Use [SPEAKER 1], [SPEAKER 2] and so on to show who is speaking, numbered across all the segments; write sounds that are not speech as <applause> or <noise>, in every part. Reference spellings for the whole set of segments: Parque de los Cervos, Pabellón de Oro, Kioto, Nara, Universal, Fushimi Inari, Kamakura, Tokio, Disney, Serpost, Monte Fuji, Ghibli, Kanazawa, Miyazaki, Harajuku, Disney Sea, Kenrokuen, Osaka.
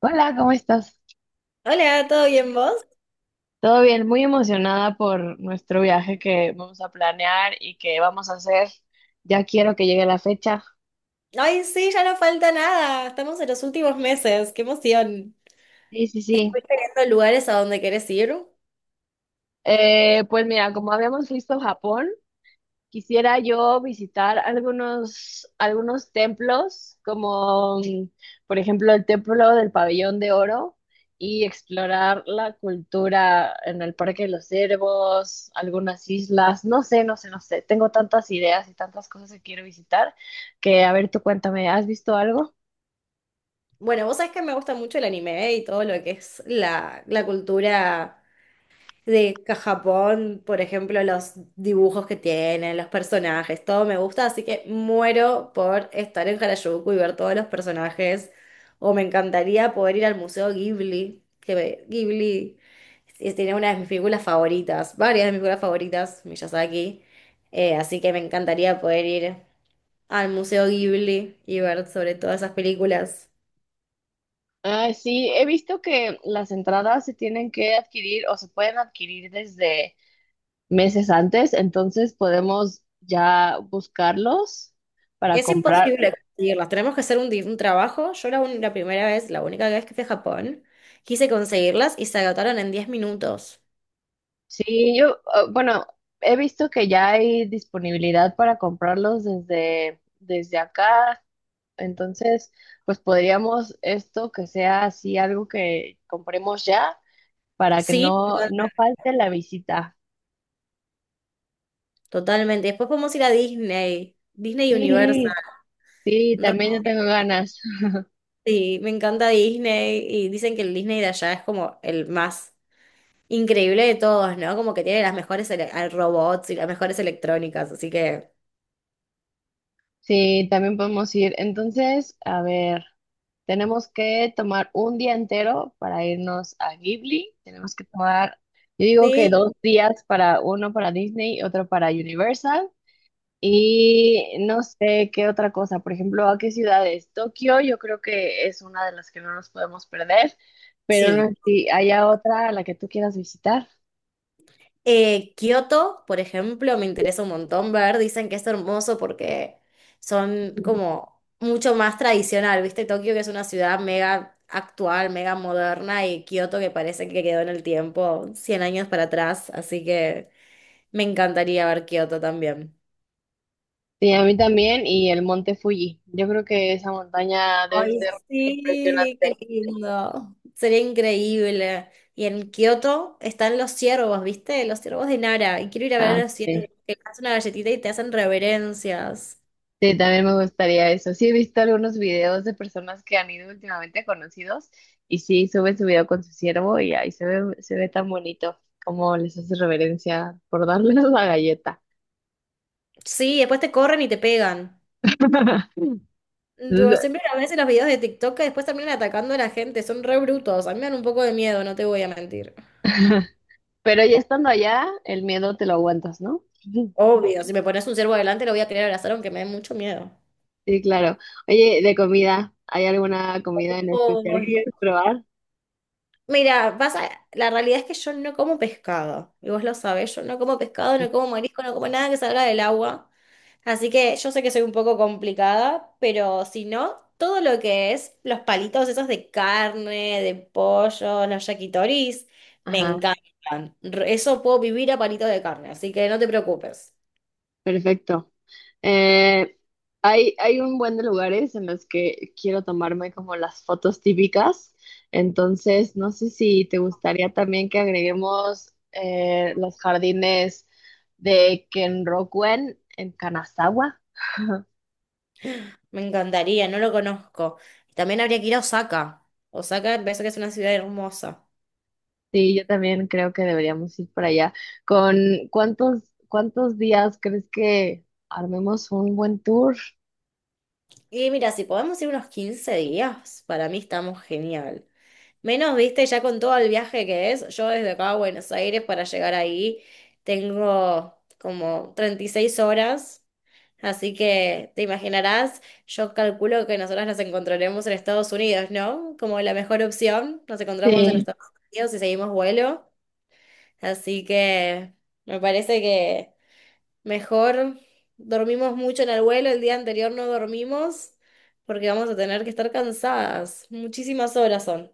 [SPEAKER 1] Hola, ¿cómo estás?
[SPEAKER 2] Hola, ¿todo bien vos?
[SPEAKER 1] Todo bien, muy emocionada por nuestro viaje que vamos a planear y que vamos a hacer. Ya quiero que llegue la fecha.
[SPEAKER 2] Ay, sí, ya no falta nada. Estamos en los últimos meses. ¡Qué emoción!
[SPEAKER 1] Sí, sí, sí.
[SPEAKER 2] ¿Estuviste viendo lugares a donde querés ir?
[SPEAKER 1] Pues mira, como habíamos visto Japón, quisiera yo visitar algunos templos, por ejemplo el templo del Pabellón de Oro, y explorar la cultura en el Parque de los Cervos, algunas islas, no sé, no sé, no sé. Tengo tantas ideas y tantas cosas que quiero visitar que, a ver, tú cuéntame, ¿has visto algo?
[SPEAKER 2] Bueno, vos sabés que me gusta mucho el anime y todo lo que es la cultura. De Japón, por ejemplo, los dibujos que tienen, los personajes, todo me gusta, así que muero por estar en Harajuku y ver todos los personajes. O me encantaría poder ir al Museo Ghibli, Ghibli tiene una de mis películas favoritas, varias de mis películas favoritas, Miyazaki. Así que me encantaría poder ir al Museo Ghibli y ver sobre todas esas películas.
[SPEAKER 1] Ah, sí, he visto que las entradas se tienen que adquirir o se pueden adquirir desde meses antes, entonces podemos ya buscarlos para
[SPEAKER 2] Es
[SPEAKER 1] comprar.
[SPEAKER 2] imposible conseguirlas. Tenemos que hacer un trabajo. Yo la primera vez, la única vez que fui a Japón, quise conseguirlas y se agotaron en 10 minutos.
[SPEAKER 1] Sí, yo, ah, bueno, he visto que ya hay disponibilidad para comprarlos desde acá, entonces, pues podríamos esto que sea así algo que compremos ya para que
[SPEAKER 2] Sí,
[SPEAKER 1] no,
[SPEAKER 2] totalmente.
[SPEAKER 1] no falte la visita.
[SPEAKER 2] Totalmente. Después podemos ir a Disney, Disney Universal.
[SPEAKER 1] Sí, sí,
[SPEAKER 2] Re-
[SPEAKER 1] también yo tengo ganas.
[SPEAKER 2] Sí, me encanta Disney y dicen que el Disney de allá es como el más increíble de todos, ¿no? Como que tiene las mejores robots y las mejores electrónicas, así que
[SPEAKER 1] Sí, también podemos ir. Entonces, a ver, tenemos que tomar un día entero para irnos a Ghibli. Tenemos que tomar, yo digo que
[SPEAKER 2] sí,
[SPEAKER 1] dos días, para uno para Disney, otro para Universal. Y no sé qué otra cosa. Por ejemplo, ¿a qué ciudades? Tokio, yo creo que es una de las que no nos podemos perder, pero no
[SPEAKER 2] sí.
[SPEAKER 1] sé si haya otra a la que tú quieras visitar.
[SPEAKER 2] Kioto, por ejemplo, me interesa un montón ver. Dicen que es hermoso porque son como mucho más tradicional, ¿viste? Tokio, que es una ciudad mega actual, mega moderna, y Kioto, que parece que quedó en el tiempo 100 años para atrás. Así que me encantaría ver Kioto también.
[SPEAKER 1] Sí, a mí también, y el monte Fuji. Yo creo que esa montaña debe
[SPEAKER 2] Ay,
[SPEAKER 1] ser
[SPEAKER 2] sí, qué
[SPEAKER 1] impresionante.
[SPEAKER 2] lindo. Sería increíble. Y en Kioto están los ciervos, ¿viste? Los ciervos de Nara. Y quiero ir a ver
[SPEAKER 1] Ah,
[SPEAKER 2] a los ciervos
[SPEAKER 1] sí.
[SPEAKER 2] que te hacen una galletita y te hacen reverencias.
[SPEAKER 1] Sí, también me gustaría eso. Sí, he visto algunos videos de personas que han ido últimamente a conocidos y sí, suben su video con su ciervo y ahí se ve tan bonito como les hace reverencia por darles la galleta.
[SPEAKER 2] Sí, después te corren y te pegan.
[SPEAKER 1] <laughs>
[SPEAKER 2] Tipo,
[SPEAKER 1] Entonces,
[SPEAKER 2] siempre a veces los videos de TikTok que después terminan atacando a la gente, son re brutos. A mí me dan un poco de miedo, no te voy a mentir.
[SPEAKER 1] <laughs> pero ya estando allá, el miedo te lo aguantas, ¿no? <laughs>
[SPEAKER 2] Obvio, si me pones un ciervo adelante lo voy a querer abrazar aunque me dé mucho miedo.
[SPEAKER 1] Sí, claro. Oye, de comida, ¿hay alguna comida en especial
[SPEAKER 2] Oh.
[SPEAKER 1] que quieras probar?
[SPEAKER 2] Mira, pasa, la realidad es que yo no como pescado, y vos lo sabés, yo no como pescado, no como marisco, no como nada que salga del agua. Así que yo sé que soy un poco complicada, pero si no, todo lo que es los palitos esos de carne, de pollo, los yakitoris, me
[SPEAKER 1] Ajá,
[SPEAKER 2] encantan. Eso puedo vivir a palitos de carne, así que no te preocupes.
[SPEAKER 1] perfecto. Eh, Hay, hay un buen de lugares en los que quiero tomarme como las fotos típicas. Entonces, no sé si te gustaría también que agreguemos los jardines de Kenrokuen en Kanazawa.
[SPEAKER 2] Me encantaría, no lo conozco. También habría que ir a Osaka. Osaka, me parece que es una ciudad hermosa.
[SPEAKER 1] Sí, yo también creo que deberíamos ir para allá. ¿Con cuántos, cuántos días crees que armemos un buen tour?
[SPEAKER 2] Y mira, si podemos ir unos 15 días, para mí estamos genial. Menos, viste, ya con todo el viaje que es, yo desde acá a Buenos Aires para llegar ahí tengo como 36 horas, así que te imaginarás, yo calculo que nosotros nos encontraremos en Estados Unidos, ¿no? Como la mejor opción, nos encontramos en
[SPEAKER 1] Sí.
[SPEAKER 2] Estados Unidos y seguimos vuelo, así que me parece que... Mejor dormimos mucho en el vuelo, el día anterior no dormimos porque vamos a tener que estar cansadas. Muchísimas horas son.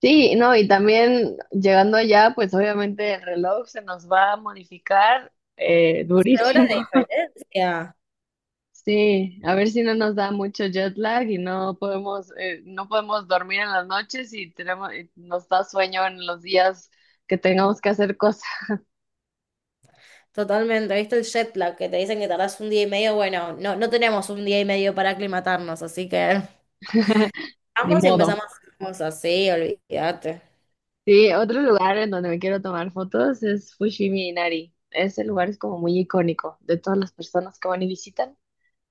[SPEAKER 1] Sí, no, y también llegando allá, pues obviamente el reloj se nos va a modificar,
[SPEAKER 2] ¿Qué hora
[SPEAKER 1] durísimo.
[SPEAKER 2] de
[SPEAKER 1] <laughs>
[SPEAKER 2] diferencia?
[SPEAKER 1] Sí, a ver si no nos da mucho jet lag y no podemos, no podemos dormir en las noches, y tenemos, y nos da sueño en los días que tengamos que hacer cosas.
[SPEAKER 2] Totalmente, ¿viste el jet lag que te dicen que tardás un día y medio? Bueno, no, no tenemos un día y medio para aclimatarnos, así que
[SPEAKER 1] <laughs> Ni
[SPEAKER 2] vamos y
[SPEAKER 1] modo.
[SPEAKER 2] empezamos a hacer cosas, sí, olvídate.
[SPEAKER 1] Sí, otro lugar en donde me quiero tomar fotos es Fushimi Inari. Ese lugar es como muy icónico de todas las personas que van y visitan.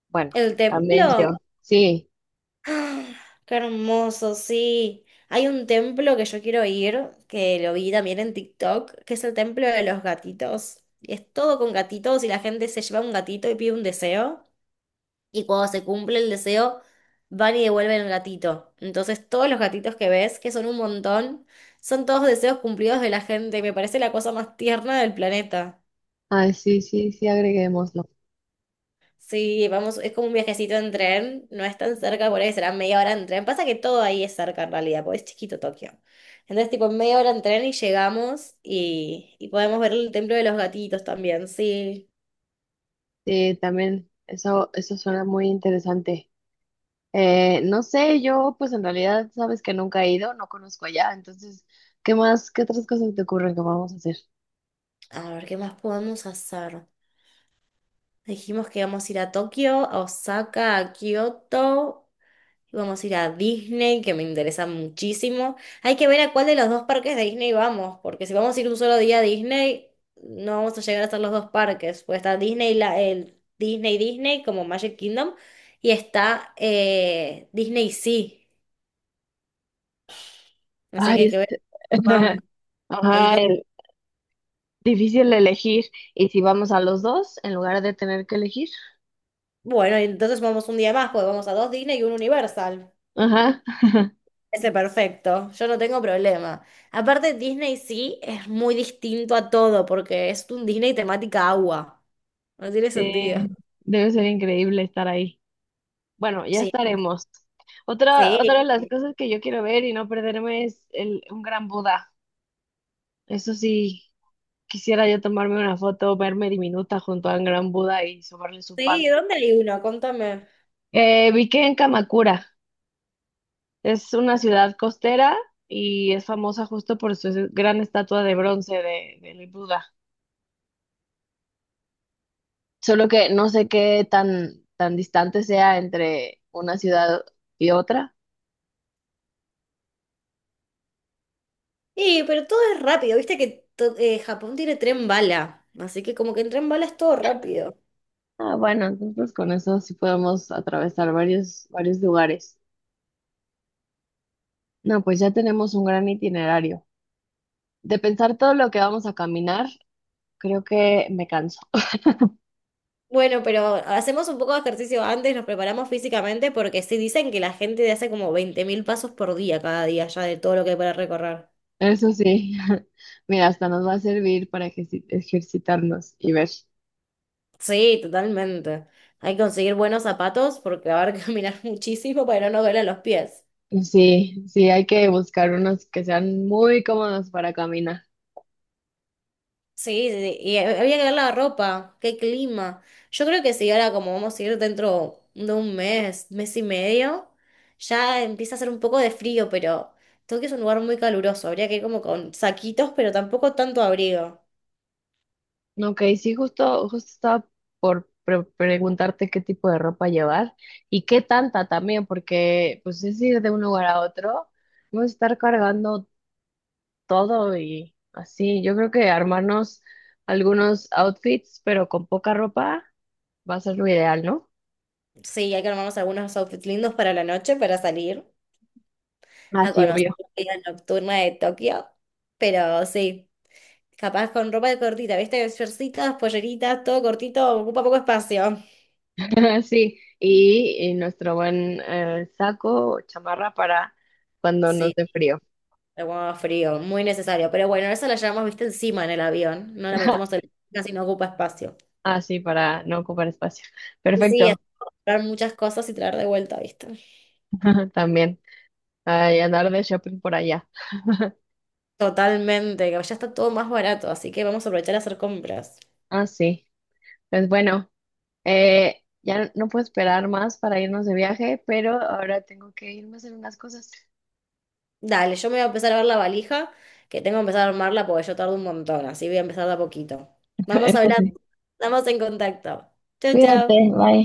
[SPEAKER 1] Bueno,
[SPEAKER 2] El
[SPEAKER 1] también yo.
[SPEAKER 2] templo,
[SPEAKER 1] Sí.
[SPEAKER 2] <gasps> ah, qué hermoso, sí. Hay un templo que yo quiero ir, que lo vi también en TikTok, que es el templo de los gatitos. Y es todo con gatitos y la gente se lleva un gatito y pide un deseo. Y cuando se cumple el deseo, van y devuelven el gatito. Entonces todos los gatitos que ves, que son un montón, son todos deseos cumplidos de la gente. Me parece la cosa más tierna del planeta.
[SPEAKER 1] Ay, sí, sí, sí, agreguémoslo.
[SPEAKER 2] Sí, vamos, es como un viajecito en tren, no es tan cerca, por ahí será media hora en tren. Pasa que todo ahí es cerca en realidad, porque es chiquito Tokio. Entonces, tipo, media hora en tren y llegamos y podemos ver el templo de los gatitos también, sí.
[SPEAKER 1] Sí, también eso suena muy interesante. No sé, yo pues en realidad sabes que nunca he ido, no conozco allá, entonces, ¿qué más, qué otras cosas te ocurren que vamos a hacer?
[SPEAKER 2] A ver, ¿qué más podemos hacer? Dijimos que íbamos a ir a Tokio, a Osaka, a Kioto. Vamos a ir a Disney, que me interesa muchísimo. Hay que ver a cuál de los dos parques de Disney vamos, porque si vamos a ir un solo día a Disney, no vamos a llegar a hacer los dos parques. Pues está Disney, el Disney Disney, como Magic Kingdom, y está Disney Sea. Así que
[SPEAKER 1] Ay,
[SPEAKER 2] hay que ver
[SPEAKER 1] este...
[SPEAKER 2] a cuál
[SPEAKER 1] <laughs>
[SPEAKER 2] vamos. Hay
[SPEAKER 1] Ajá,
[SPEAKER 2] dos.
[SPEAKER 1] difícil elegir. ¿Y si vamos a los dos en lugar de tener que elegir?
[SPEAKER 2] Bueno, entonces vamos un día más, pues vamos a dos Disney y un Universal.
[SPEAKER 1] Ajá. <laughs>
[SPEAKER 2] Ese perfecto, yo no tengo problema. Aparte, Disney sí es muy distinto a todo, porque es un Disney temática agua. No tiene sentido.
[SPEAKER 1] Eh, Debe ser increíble estar ahí. Bueno, ya
[SPEAKER 2] Sí,
[SPEAKER 1] estaremos. Otra,
[SPEAKER 2] sí,
[SPEAKER 1] otra de las cosas que yo quiero ver y no perderme es el, un gran Buda. Eso sí. Quisiera yo tomarme una foto, verme diminuta junto a un gran Buda y sobarle su
[SPEAKER 2] sí,
[SPEAKER 1] pan.
[SPEAKER 2] ¿dónde hay uno? Contame.
[SPEAKER 1] Vi que en Kamakura es una ciudad costera y es famosa justo por su gran estatua de bronce de, del Buda. Solo que no sé qué tan, tan distante sea entre una ciudad y otra.
[SPEAKER 2] Sí, pero todo es rápido, viste que Japón tiene tren bala, así que como que en tren bala es todo rápido.
[SPEAKER 1] Ah, bueno, entonces con eso sí podemos atravesar varios, varios lugares. No, pues ya tenemos un gran itinerario. De pensar todo lo que vamos a caminar, creo que me canso.
[SPEAKER 2] Bueno, pero hacemos un poco de ejercicio antes, nos preparamos físicamente porque sí dicen que la gente hace como 20.000 pasos por día cada día ya de todo lo que hay para recorrer.
[SPEAKER 1] Eso sí, <laughs> mira, hasta nos va a servir para ejercitarnos y ver.
[SPEAKER 2] Sí, totalmente. Hay que conseguir buenos zapatos porque va a haber que <laughs> caminar muchísimo para no doler los pies.
[SPEAKER 1] Sí, sí, hay que buscar unos que sean muy cómodos para caminar.
[SPEAKER 2] Sí, sí, sí, y había que ver la ropa, qué clima. Yo creo que sí, ahora como vamos a ir dentro de un mes, mes y medio, ya empieza a hacer un poco de frío, pero Tokio es un lugar muy caluroso, habría que ir como con saquitos, pero tampoco tanto abrigo.
[SPEAKER 1] No, ok, sí, justo, justo estaba por preguntarte qué tipo de ropa llevar y qué tanta también, porque pues es ir de un lugar a otro, vamos a estar cargando todo y así. Yo creo que armarnos algunos outfits, pero con poca ropa, va a ser lo ideal, ¿no?
[SPEAKER 2] Sí, hay que armarnos algunos outfits lindos para la noche, para salir a
[SPEAKER 1] Así,
[SPEAKER 2] conocer
[SPEAKER 1] obvio.
[SPEAKER 2] la vida nocturna de Tokio, pero sí, capaz con ropa de cortita, ¿viste? Shortcitas, polleritas, todo cortito, ocupa poco espacio.
[SPEAKER 1] <laughs> Sí, y nuestro buen, saco o chamarra para cuando nos
[SPEAKER 2] Sí.
[SPEAKER 1] dé frío.
[SPEAKER 2] Agua frío, muy necesario. Pero bueno, esa la llevamos, viste, encima en el avión. No la metemos en
[SPEAKER 1] <laughs>
[SPEAKER 2] la casi no ocupa espacio.
[SPEAKER 1] Ah, sí, para no ocupar espacio.
[SPEAKER 2] Sí, sí, es
[SPEAKER 1] Perfecto,
[SPEAKER 2] comprar muchas cosas y traer de vuelta, viste.
[SPEAKER 1] <laughs> también. Ay, andar de shopping por allá.
[SPEAKER 2] Totalmente, que ya está todo más barato, así que vamos a aprovechar a hacer compras.
[SPEAKER 1] Ah, sí. Pues bueno, ya no puedo esperar más para irnos de viaje, pero ahora tengo que irme a hacer unas cosas.
[SPEAKER 2] Dale, yo me voy a empezar a ver la valija, que tengo que empezar a armarla porque yo tardo un montón, así voy a empezar de a poquito. Vamos hablando,
[SPEAKER 1] <laughs>
[SPEAKER 2] estamos en contacto. Chao,
[SPEAKER 1] Cuídate,
[SPEAKER 2] chao.
[SPEAKER 1] bye.